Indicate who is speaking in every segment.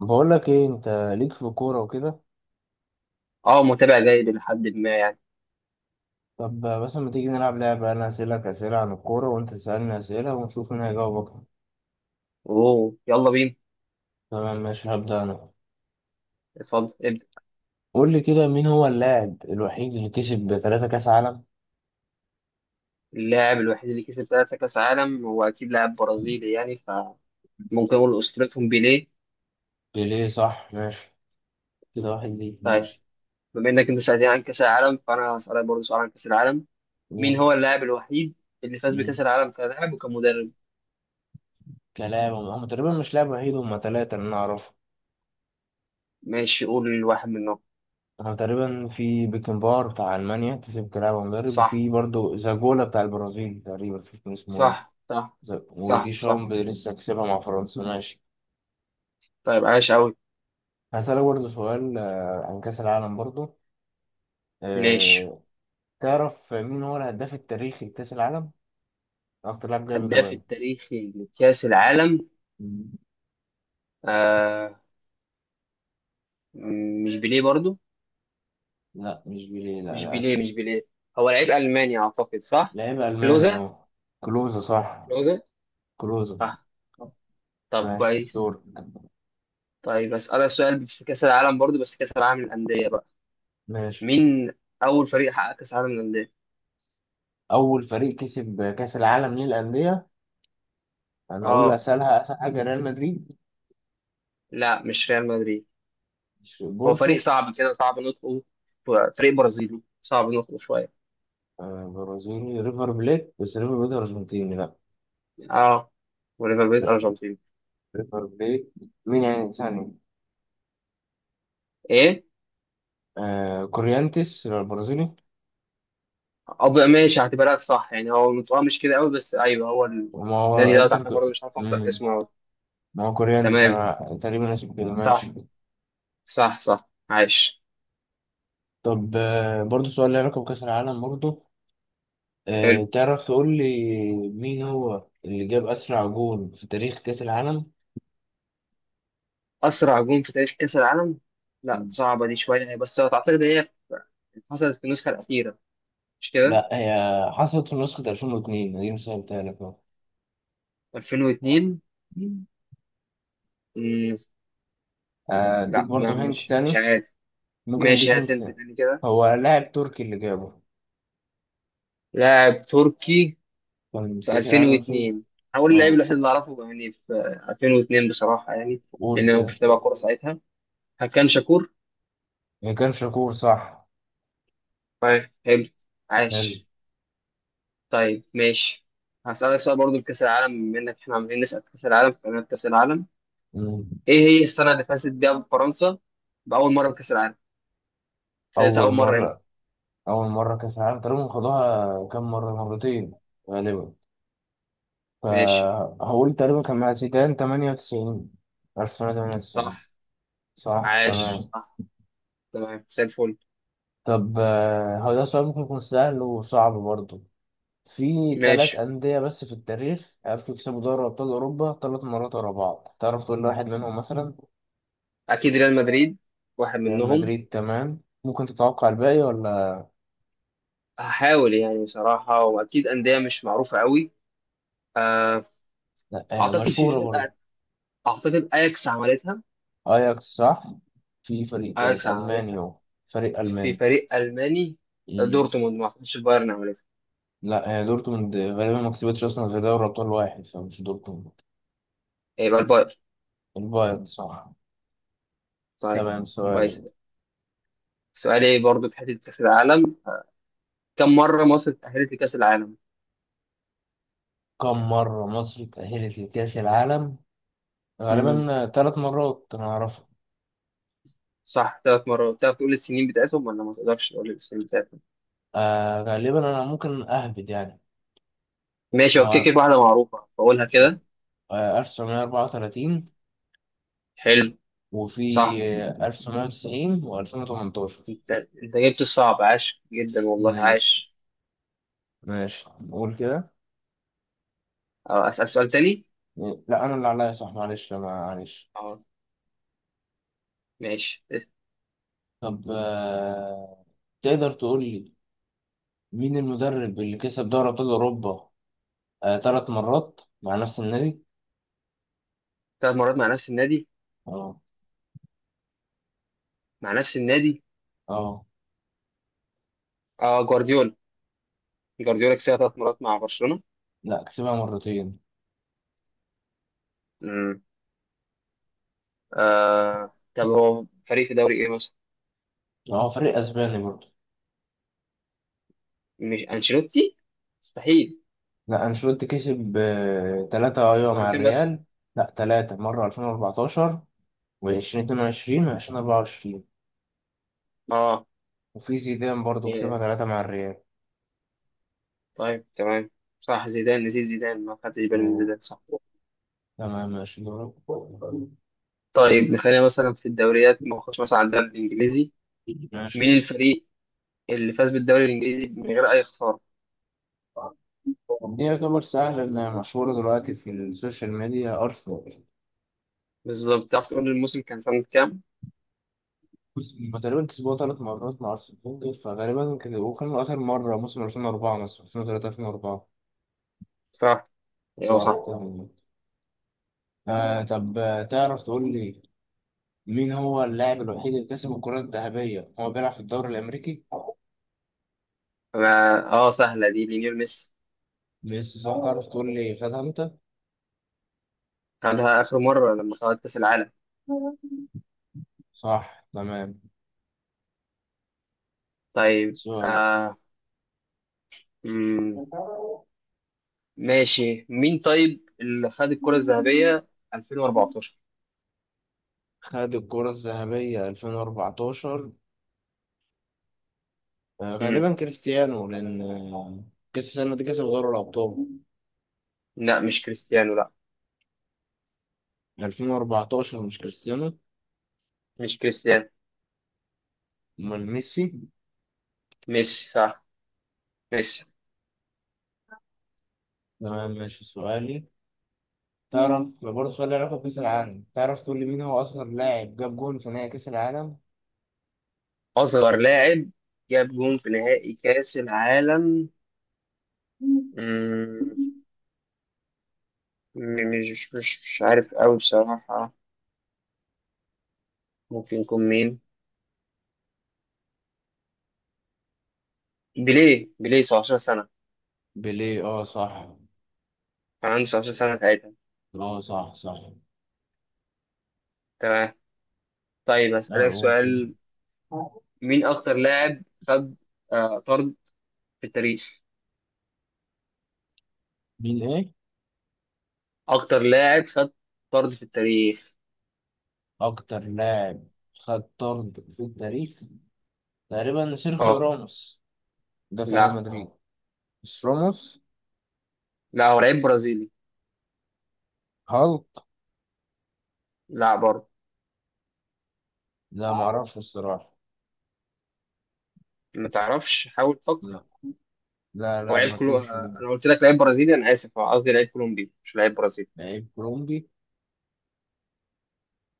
Speaker 1: بقول لك ايه انت ليك في الكوره وكده.
Speaker 2: اه، متابع جيد لحد ما يعني.
Speaker 1: طب مثلا ما تيجي نلعب لعبه، انا اسالك اسئله عن الكوره وانت تسالني اسئله ونشوف مين هيجاوب اكتر.
Speaker 2: اوه، يلا بينا.
Speaker 1: تمام ماشي، هبدا انا.
Speaker 2: اتفضل، ابدأ.
Speaker 1: قول لي كده، مين هو اللاعب الوحيد اللي كسب ثلاثة كاس عالم؟
Speaker 2: اللاعب الوحيد اللي كسب ثلاثة كأس عالم هو أكيد لاعب برازيلي يعني، فممكن أقول أسطورتهم بيليه.
Speaker 1: بيليه صح ماشي، كده واحد ليك،
Speaker 2: طيب.
Speaker 1: ماشي
Speaker 2: بما إنك أنت سألتني عن كأس العالم فأنا هسألك برضه سؤال عن كأس العالم. مين
Speaker 1: قول.
Speaker 2: هو اللاعب الوحيد اللي فاز بكأس
Speaker 1: مم.
Speaker 2: العالم كلاعب وكمدرب؟
Speaker 1: كلاعب هم تقريبا مش لاعب وحيد، هم ثلاثه اللي انا اعرفه.
Speaker 2: ماشي، قول واحد منهم.
Speaker 1: هم تقريبا في بيكنبار بتاع المانيا كسب كلاعب ومدرب،
Speaker 2: صح،
Speaker 1: وفي برضه زاجولا بتاع البرازيل تقريبا مش فاكر اسمه ايه.
Speaker 2: صح، صح، صح،
Speaker 1: ودي
Speaker 2: صح.
Speaker 1: شامب لسه كسبها مع فرنسا ماشي.
Speaker 2: طيب، عاش أوي.
Speaker 1: هسألك برضه سؤال عن كأس العالم برضه.
Speaker 2: ماشي.
Speaker 1: آه، تعرف مين هو الهداف التاريخي لكأس العالم؟ أكتر لاعب جايب
Speaker 2: هداف
Speaker 1: أجوان.
Speaker 2: التاريخي لكأس العالم.
Speaker 1: مم.
Speaker 2: آه. مش بيليه برضه.
Speaker 1: لا مش بيليه، لا
Speaker 2: مش
Speaker 1: للأسف.
Speaker 2: بيليه، مش بيليه. هو لعيب ألماني أعتقد، صح؟
Speaker 1: لعيب ألماني
Speaker 2: كلوزا.
Speaker 1: أهو. كلوزة صح.
Speaker 2: كلوزا،
Speaker 1: كلوزة.
Speaker 2: صح. طب
Speaker 1: ماشي
Speaker 2: كويس.
Speaker 1: دور.
Speaker 2: طيب أسألك سؤال في كأس العالم برضو، بس كأس العالم للأندية بقى.
Speaker 1: ماشي،
Speaker 2: مين أول فريق حقق كأس العالم للأندية؟
Speaker 1: أول فريق كسب كأس العالم ليه الأندية. أنا أقول له
Speaker 2: آه.
Speaker 1: أسألها، أسهل حاجة ريال مدريد.
Speaker 2: لا، مش ريال مدريد.
Speaker 1: مش
Speaker 2: هو فريق
Speaker 1: بورتو.
Speaker 2: صعب كده، صعب نطقه. فريق برازيلي صعب نطقه شوية.
Speaker 1: برازيلي ريفر بليت، بس ريفر بليت أرجنتيني لا.
Speaker 2: آه. وليفر بيت أرجنتين.
Speaker 1: ريفر بليت. مين يعني ثاني؟
Speaker 2: إيه؟
Speaker 1: آه كوريانتيس البرازيلي.
Speaker 2: أب، ماشي هعتبرك صح يعني، هو نطقها مش كده قوي بس أيوه هو.
Speaker 1: ما هو
Speaker 2: النادي ده
Speaker 1: انتر
Speaker 2: عشان برضه
Speaker 1: ك-
Speaker 2: مش عارف أنطق
Speaker 1: مم.
Speaker 2: اسمه أوي.
Speaker 1: ما هو كوريا انت
Speaker 2: تمام.
Speaker 1: تقريبا اسمه كده ماشي.
Speaker 2: صح، صح، صح، عايش.
Speaker 1: طب برضه سؤال له علاقة بكأس العالم برضه.
Speaker 2: حلو.
Speaker 1: تعرف تقول لي مين هو اللي جاب أسرع جول في تاريخ كأس العالم؟
Speaker 2: أسرع جون في تاريخ كأس العالم. لا،
Speaker 1: مم.
Speaker 2: صعبة دي شوية يعني، بس أعتقد هي حصلت في النسخة الأخيرة. مش كده.
Speaker 1: لا هي حصلت في نسخة 2002، دي سهلتها لك اهو.
Speaker 2: 2002.
Speaker 1: مم.
Speaker 2: مم.
Speaker 1: اديك
Speaker 2: لا، ما
Speaker 1: برضه هنت
Speaker 2: مش مش
Speaker 1: تاني.
Speaker 2: عارف.
Speaker 1: ممكن
Speaker 2: ماشي،
Speaker 1: اديك هنت
Speaker 2: هات أنت
Speaker 1: تاني.
Speaker 2: تاني كده.
Speaker 1: هو لاعب تركي اللي جابه،
Speaker 2: لاعب تركي.
Speaker 1: كان في
Speaker 2: في
Speaker 1: كأس العالم 2000.
Speaker 2: 2002. هقول اللاعب
Speaker 1: اه
Speaker 2: الوحيد اللي أعرفه يعني في 2002 بصراحة يعني،
Speaker 1: قول
Speaker 2: لأن أنا ما
Speaker 1: كده.
Speaker 2: كنتش بتابع كورة ساعتها. هكان شاكور.
Speaker 1: ما كان شاكور صح.
Speaker 2: طيب، حلو.
Speaker 1: حلو.
Speaker 2: عاش. طيب، ماشي. هسألك سؤال برضه في كأس العالم، بما إنك إحنا عمالين نسأل في كأس العالم فأنا في كأس العالم.
Speaker 1: مم.
Speaker 2: ايه هي السنة اللي فازت بيها فرنسا بأول مرة بكأس العالم؟ فازت
Speaker 1: أول
Speaker 2: أول مرة امتى؟
Speaker 1: مرة، أول مرة كأس العالم تقريبا خدوها كام مرة؟ مرتين غالبا.
Speaker 2: ماشي.
Speaker 1: فهقول تقريبا كان مع زيدان 98، 1998.
Speaker 2: صح.
Speaker 1: صح
Speaker 2: عاش،
Speaker 1: تمام.
Speaker 2: صح. تمام زي الفل.
Speaker 1: طب هو ده سؤال ممكن يكون سهل وصعب برضه. في
Speaker 2: ماشي.
Speaker 1: تلات أندية بس في التاريخ عرفوا يكسبوا دوري أبطال أوروبا تلات مرات ورا بعض، تعرف تقول لي واحد منهم مثلا؟
Speaker 2: أكيد ريال مدريد. واحد
Speaker 1: ريال
Speaker 2: منهم.
Speaker 1: مدريد تمام، ممكن تتوقع الباقي ولا؟
Speaker 2: هحاول يعني صراحة، وأكيد أندية مش معروفة قوي. آه.
Speaker 1: لأ
Speaker 2: أعتقد في
Speaker 1: مشهورة برضه.
Speaker 2: فرقة. أعتقد أياكس عملتها.
Speaker 1: أياكس صح. في فريق تالت
Speaker 2: أياكس
Speaker 1: ألماني،
Speaker 2: عملتها.
Speaker 1: هو فريق
Speaker 2: في
Speaker 1: ألماني.
Speaker 2: فريق ألماني. دورتموند ما أعتقدش البايرن عملتها.
Speaker 1: لا هي دورتموند غالبا ما كسبتش اصلا غير دوري ابطال واحد، فمش دورتموند.
Speaker 2: إيه، يبقى البايرن.
Speaker 1: البايرن صح.
Speaker 2: طيب.
Speaker 1: تمام سؤالك.
Speaker 2: كويس. سؤالي برضو في حتة كأس العالم. كم مرة مصر اتأهلت لكأس العالم؟
Speaker 1: كم مرة مصر تأهلت لكأس العالم؟ غالبا ثلاث مرات انا اعرفها.
Speaker 2: صح، ثلاث مرات. تعرف تقول السنين بتاعتهم ولا ما تقدرش تقول السنين بتاعتهم؟
Speaker 1: غالبا انا ممكن اهبد يعني.
Speaker 2: ماشي، هو كده
Speaker 1: هو
Speaker 2: كده واحدة معروفة فأقولها كده.
Speaker 1: 1934.
Speaker 2: حلو.
Speaker 1: وفي
Speaker 2: صح.
Speaker 1: 1990 و2018.
Speaker 2: انت جبت الصعب، عاش جدا، والله
Speaker 1: ماشي،
Speaker 2: عاش.
Speaker 1: ماشي نقول كده.
Speaker 2: اه، أسأل سؤال تاني.
Speaker 1: لا انا اللي عليا، صح معلش، لا معلش.
Speaker 2: اه. ماشي.
Speaker 1: طب تقدر تقول لي مين المدرب اللي كسب دوري أبطال أوروبا ثلاث مرات مع نفس النادي؟
Speaker 2: ثلاث مرات مع نفس النادي.
Speaker 1: اه.
Speaker 2: مع نفس النادي.
Speaker 1: اه.
Speaker 2: اه، جوارديولا. جوارديولا كسبها ثلاث مرات مع برشلونة.
Speaker 1: لا كسبها مرتين.
Speaker 2: امم. آه، طب هو فريق في دوري ايه مثلا؟
Speaker 1: هو فريق أسباني برضه.
Speaker 2: مش انشيلوتي، مستحيل.
Speaker 1: لا أنشيلوتي كسب ثلاثة، أيوة، مع
Speaker 2: مرتين بس.
Speaker 1: الريال. لا ثلاثة، مرة 2014 و2022 و2024.
Speaker 2: اه.
Speaker 1: وفي زيدان برضه كسبها
Speaker 2: إيه.
Speaker 1: ثلاثة مع الريال.
Speaker 2: طيب، تمام. صح، زيدان، نسيت زيدان، ما خدتش بالي من
Speaker 1: اه.
Speaker 2: زيدان، صح.
Speaker 1: تمام ماشي دورك.
Speaker 2: طيب نخلينا مثلا في الدوريات، ما نخش مثلا على الدوري الانجليزي.
Speaker 1: ماشي.
Speaker 2: مين الفريق اللي فاز بالدوري الانجليزي من غير اي خساره؟
Speaker 1: دي يعتبر سهل إنها مشهورة دلوقتي في السوشيال ميديا، أرسنال.
Speaker 2: بالظبط، تعرف تقول لي الموسم كان سنه كام؟
Speaker 1: بص، هما تقريبا كسبوها ثلاث مرات مع أرسنال فغالبا كده، وكان آخر مرة موسم 2004، مثلا 2003 2004.
Speaker 2: صح. ايوه،
Speaker 1: صح
Speaker 2: صح.
Speaker 1: تمام. آه طب تعرف تقول لي مين هو اللاعب الوحيد اللي كسب الكرة الذهبية هو بيلعب في الدوري الأمريكي؟
Speaker 2: أنا- اه، سهله دي، ليونيل ميسي.
Speaker 1: ميسي صح، تعرف تقول لي خدها أنت؟
Speaker 2: خدها اخر مره لما خد كاس العالم.
Speaker 1: صح تمام.
Speaker 2: طيب،
Speaker 1: سؤال.
Speaker 2: آه. مم. ماشي، مين طيب اللي خد الكره الذهبيه 2014؟
Speaker 1: خد الكرة الذهبية 2014.
Speaker 2: مم.
Speaker 1: غالبا كريستيانو، لأن كأس السنة دي كسب دوري الأبطال.
Speaker 2: لا، مش كريستيانو، لا.
Speaker 1: 2014 مش كريستيانو.
Speaker 2: مش كريستيانو.
Speaker 1: امال ميسي.
Speaker 2: ميسي، صح. ميسي.
Speaker 1: تمام ماشي سؤالي. تعرف برضه سؤال له علاقة بكأس العالم، تعرف تقول لي مين هو أصغر لاعب جاب جون في نهائي كأس العالم؟
Speaker 2: اصغر لاعب جاب جون في نهائي كاس العالم. مم. مش عارف قوي بصراحة. ممكن يكون مين؟ بيليه، بيليه، 17 سنة.
Speaker 1: بيليه اه صح.
Speaker 2: كان عنده 17 سنة ساعتها.
Speaker 1: اه صح صح.
Speaker 2: تمام. طيب
Speaker 1: اه
Speaker 2: أسألك
Speaker 1: هو كده.
Speaker 2: سؤال. مين أكتر لاعب خد طرد في التاريخ؟
Speaker 1: مين ايه؟
Speaker 2: أكتر لاعب خد طرد في التاريخ.
Speaker 1: أكتر لاعب خد طرد في التاريخ، تقريبا سيرخيو
Speaker 2: أه.
Speaker 1: راموس، ده في ريال
Speaker 2: لا.
Speaker 1: مدريد. مش راموس.
Speaker 2: لا، هو لعيب برازيلي.
Speaker 1: هالك.
Speaker 2: لا، برضه.
Speaker 1: لا معرفش الصراحة.
Speaker 2: ما تعرفش؟ حاول تفكر.
Speaker 1: لا. لا،
Speaker 2: هو
Speaker 1: لا،
Speaker 2: لعيب كلو
Speaker 1: مفيش.
Speaker 2: آه، أنا قلت لك لعيب برازيلي، أنا آسف، هو قصدي لعيب كولومبي مش لعيب برازيلي.
Speaker 1: لعيب كولومبي.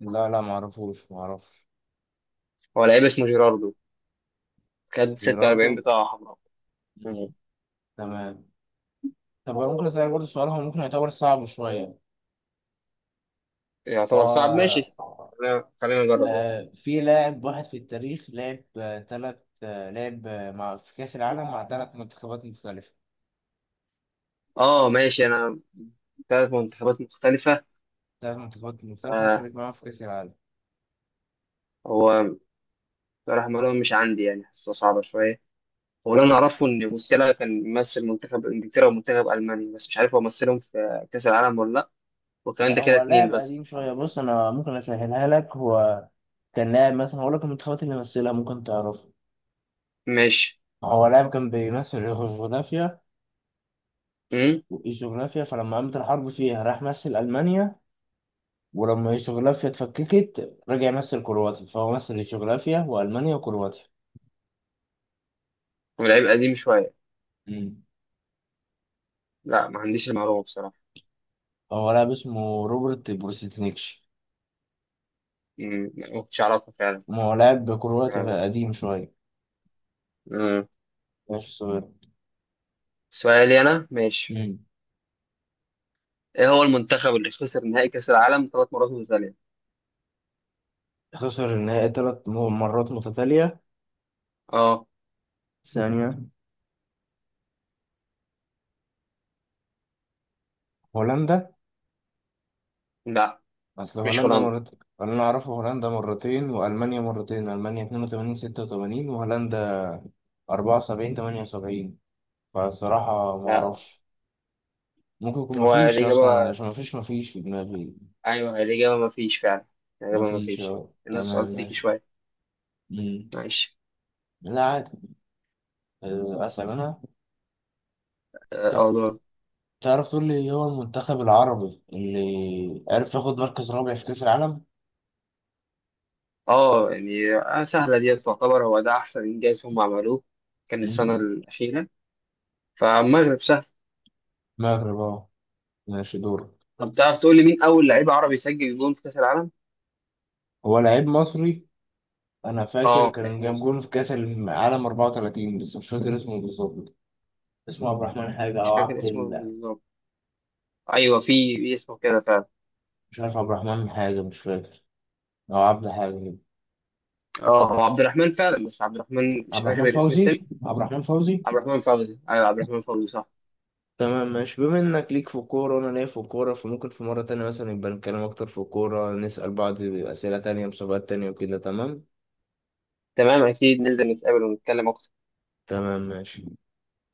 Speaker 1: لا، لا، معرفوش، معرفش.
Speaker 2: هو لعيب اسمه جيراردو، خد 46
Speaker 1: جيراردو.
Speaker 2: بطاقة حمراء.
Speaker 1: مم. تمام. طب هو ممكن أسألك برضه سؤال، هو ممكن يعتبر صعب شوية.
Speaker 2: يعتبر
Speaker 1: هو
Speaker 2: صعب، ماشي. خلينا، خلينا نجرب يعني.
Speaker 1: في لاعب واحد في التاريخ لعب آه، تلات آه، لعب آه، مع في كأس العالم مع تلات منتخبات مختلفة.
Speaker 2: اه، ماشي انا. ثلاث منتخبات مختلفة.
Speaker 1: تلات منتخبات مختلفة
Speaker 2: آه.
Speaker 1: شارك معاهم في كأس العالم.
Speaker 2: هو صلاح مرون مش عندي يعني، حاسه صعبة شوية. هو اللي انا اعرفه ان موسيالا كان ممثل منتخب انجلترا ومنتخب المانيا، بس مش عارف هو مثلهم في كأس العالم ولا لا. وكان
Speaker 1: لا
Speaker 2: ده كده
Speaker 1: هو
Speaker 2: اتنين
Speaker 1: لاعب
Speaker 2: بس.
Speaker 1: قديم شوية، بص أنا ممكن أسهلها لك. هو كان لاعب مثلا، هقول لك المنتخبات اللي مثلها ممكن تعرفها.
Speaker 2: ماشي.
Speaker 1: هو لاعب كان بيمثل يوغوسلافيا.
Speaker 2: امم.
Speaker 1: يوغوسلافيا، فلما قامت الحرب فيها راح مثل ألمانيا. ولما يوغوسلافيا اتفككت رجع مثل كرواتيا، فهو مثل يوغوسلافيا وألمانيا وكرواتيا.
Speaker 2: ولعيب قديم شوية.
Speaker 1: مم.
Speaker 2: لا، ما عنديش المعلومة بصراحة.
Speaker 1: هو لاعب اسمه روبرت بروسيتنيكش.
Speaker 2: مم. ما كنتش اعرفها فعلا.
Speaker 1: ما هو لاعب كرواتي قديم شوية.
Speaker 2: امم.
Speaker 1: ماشي صغير.
Speaker 2: سؤالي انا، ماشي.
Speaker 1: مم.
Speaker 2: ايه هو المنتخب اللي خسر نهائي كأس العالم ثلاث مرات متتالية؟
Speaker 1: خسر النهائي ثلاث مرات متتالية.
Speaker 2: اه.
Speaker 1: ثانية. هولندا.
Speaker 2: لا،
Speaker 1: أصل
Speaker 2: مش
Speaker 1: هولندا
Speaker 2: هولندا.
Speaker 1: مرتين، اللي أنا أعرفه هولندا مرتين وألمانيا مرتين، ألمانيا 82 86 وهولندا 74 78. فالصراحة
Speaker 2: لا، لا.
Speaker 1: معرفش. ممكن يكون
Speaker 2: هو
Speaker 1: مفيش أصلا،
Speaker 2: الإجابة.
Speaker 1: عشان مفيش في دماغي.
Speaker 2: أيوه هي الإجابة، مفيش فعلا. الإجابة
Speaker 1: مفيش
Speaker 2: مفيش.
Speaker 1: اه
Speaker 2: الناس سؤال
Speaker 1: تمام
Speaker 2: تريكي
Speaker 1: ماشي.
Speaker 2: شوية.
Speaker 1: مم.
Speaker 2: معلش.
Speaker 1: لا عادي. أسأل أنا.
Speaker 2: اه،
Speaker 1: طب
Speaker 2: آه، دور.
Speaker 1: تعرف تقول لي إيه هو المنتخب العربي اللي عرف ياخد مركز رابع في كأس العالم؟
Speaker 2: اه يعني، سهلة دي تعتبر، هو ده أحسن إنجاز هم عملوه. كان السنة
Speaker 1: مم.
Speaker 2: الأخيرة. فالمغرب سهل.
Speaker 1: المغرب اه. ماشي دور.
Speaker 2: طب تعرف تقول لي مين أول لعيب عربي سجل جون في كأس العالم؟
Speaker 1: هو لعيب مصري، أنا فاكر
Speaker 2: اه،
Speaker 1: كان
Speaker 2: لعيب
Speaker 1: جاب
Speaker 2: مصري.
Speaker 1: جون في كأس العالم 34، بس مش فاكر اسمه بالظبط. اسمه عبد الرحمن حاجة
Speaker 2: مش
Speaker 1: أو
Speaker 2: فاكر
Speaker 1: عبد
Speaker 2: اسمه
Speaker 1: ال...
Speaker 2: بالظبط. أيوه في اسمه كده فعلا.
Speaker 1: مش عارف، عبد الرحمن حاجة مش فاكر، أو عبد حاجة كده.
Speaker 2: اه، هو عبد الرحمن فعلا، بس عبد الرحمن مش
Speaker 1: عبد الرحمن
Speaker 2: فاكر الاسم
Speaker 1: فوزي،
Speaker 2: التاني.
Speaker 1: عبد الرحمن فوزي.
Speaker 2: عبد الرحمن فوزي، أيوه عبد الرحمن فوزي، صح.
Speaker 1: تمام ماشي، بما انك ليك في الكورة وانا ليا في الكورة، فممكن في مرة تانية مثلا يبقى نتكلم اكتر في الكورة، نسأل بعض اسئلة تانية مسابقات تانية وكده تمام.
Speaker 2: تمام، اكيد ننزل نتقابل ونتكلم اكتر.
Speaker 1: تمام ماشي.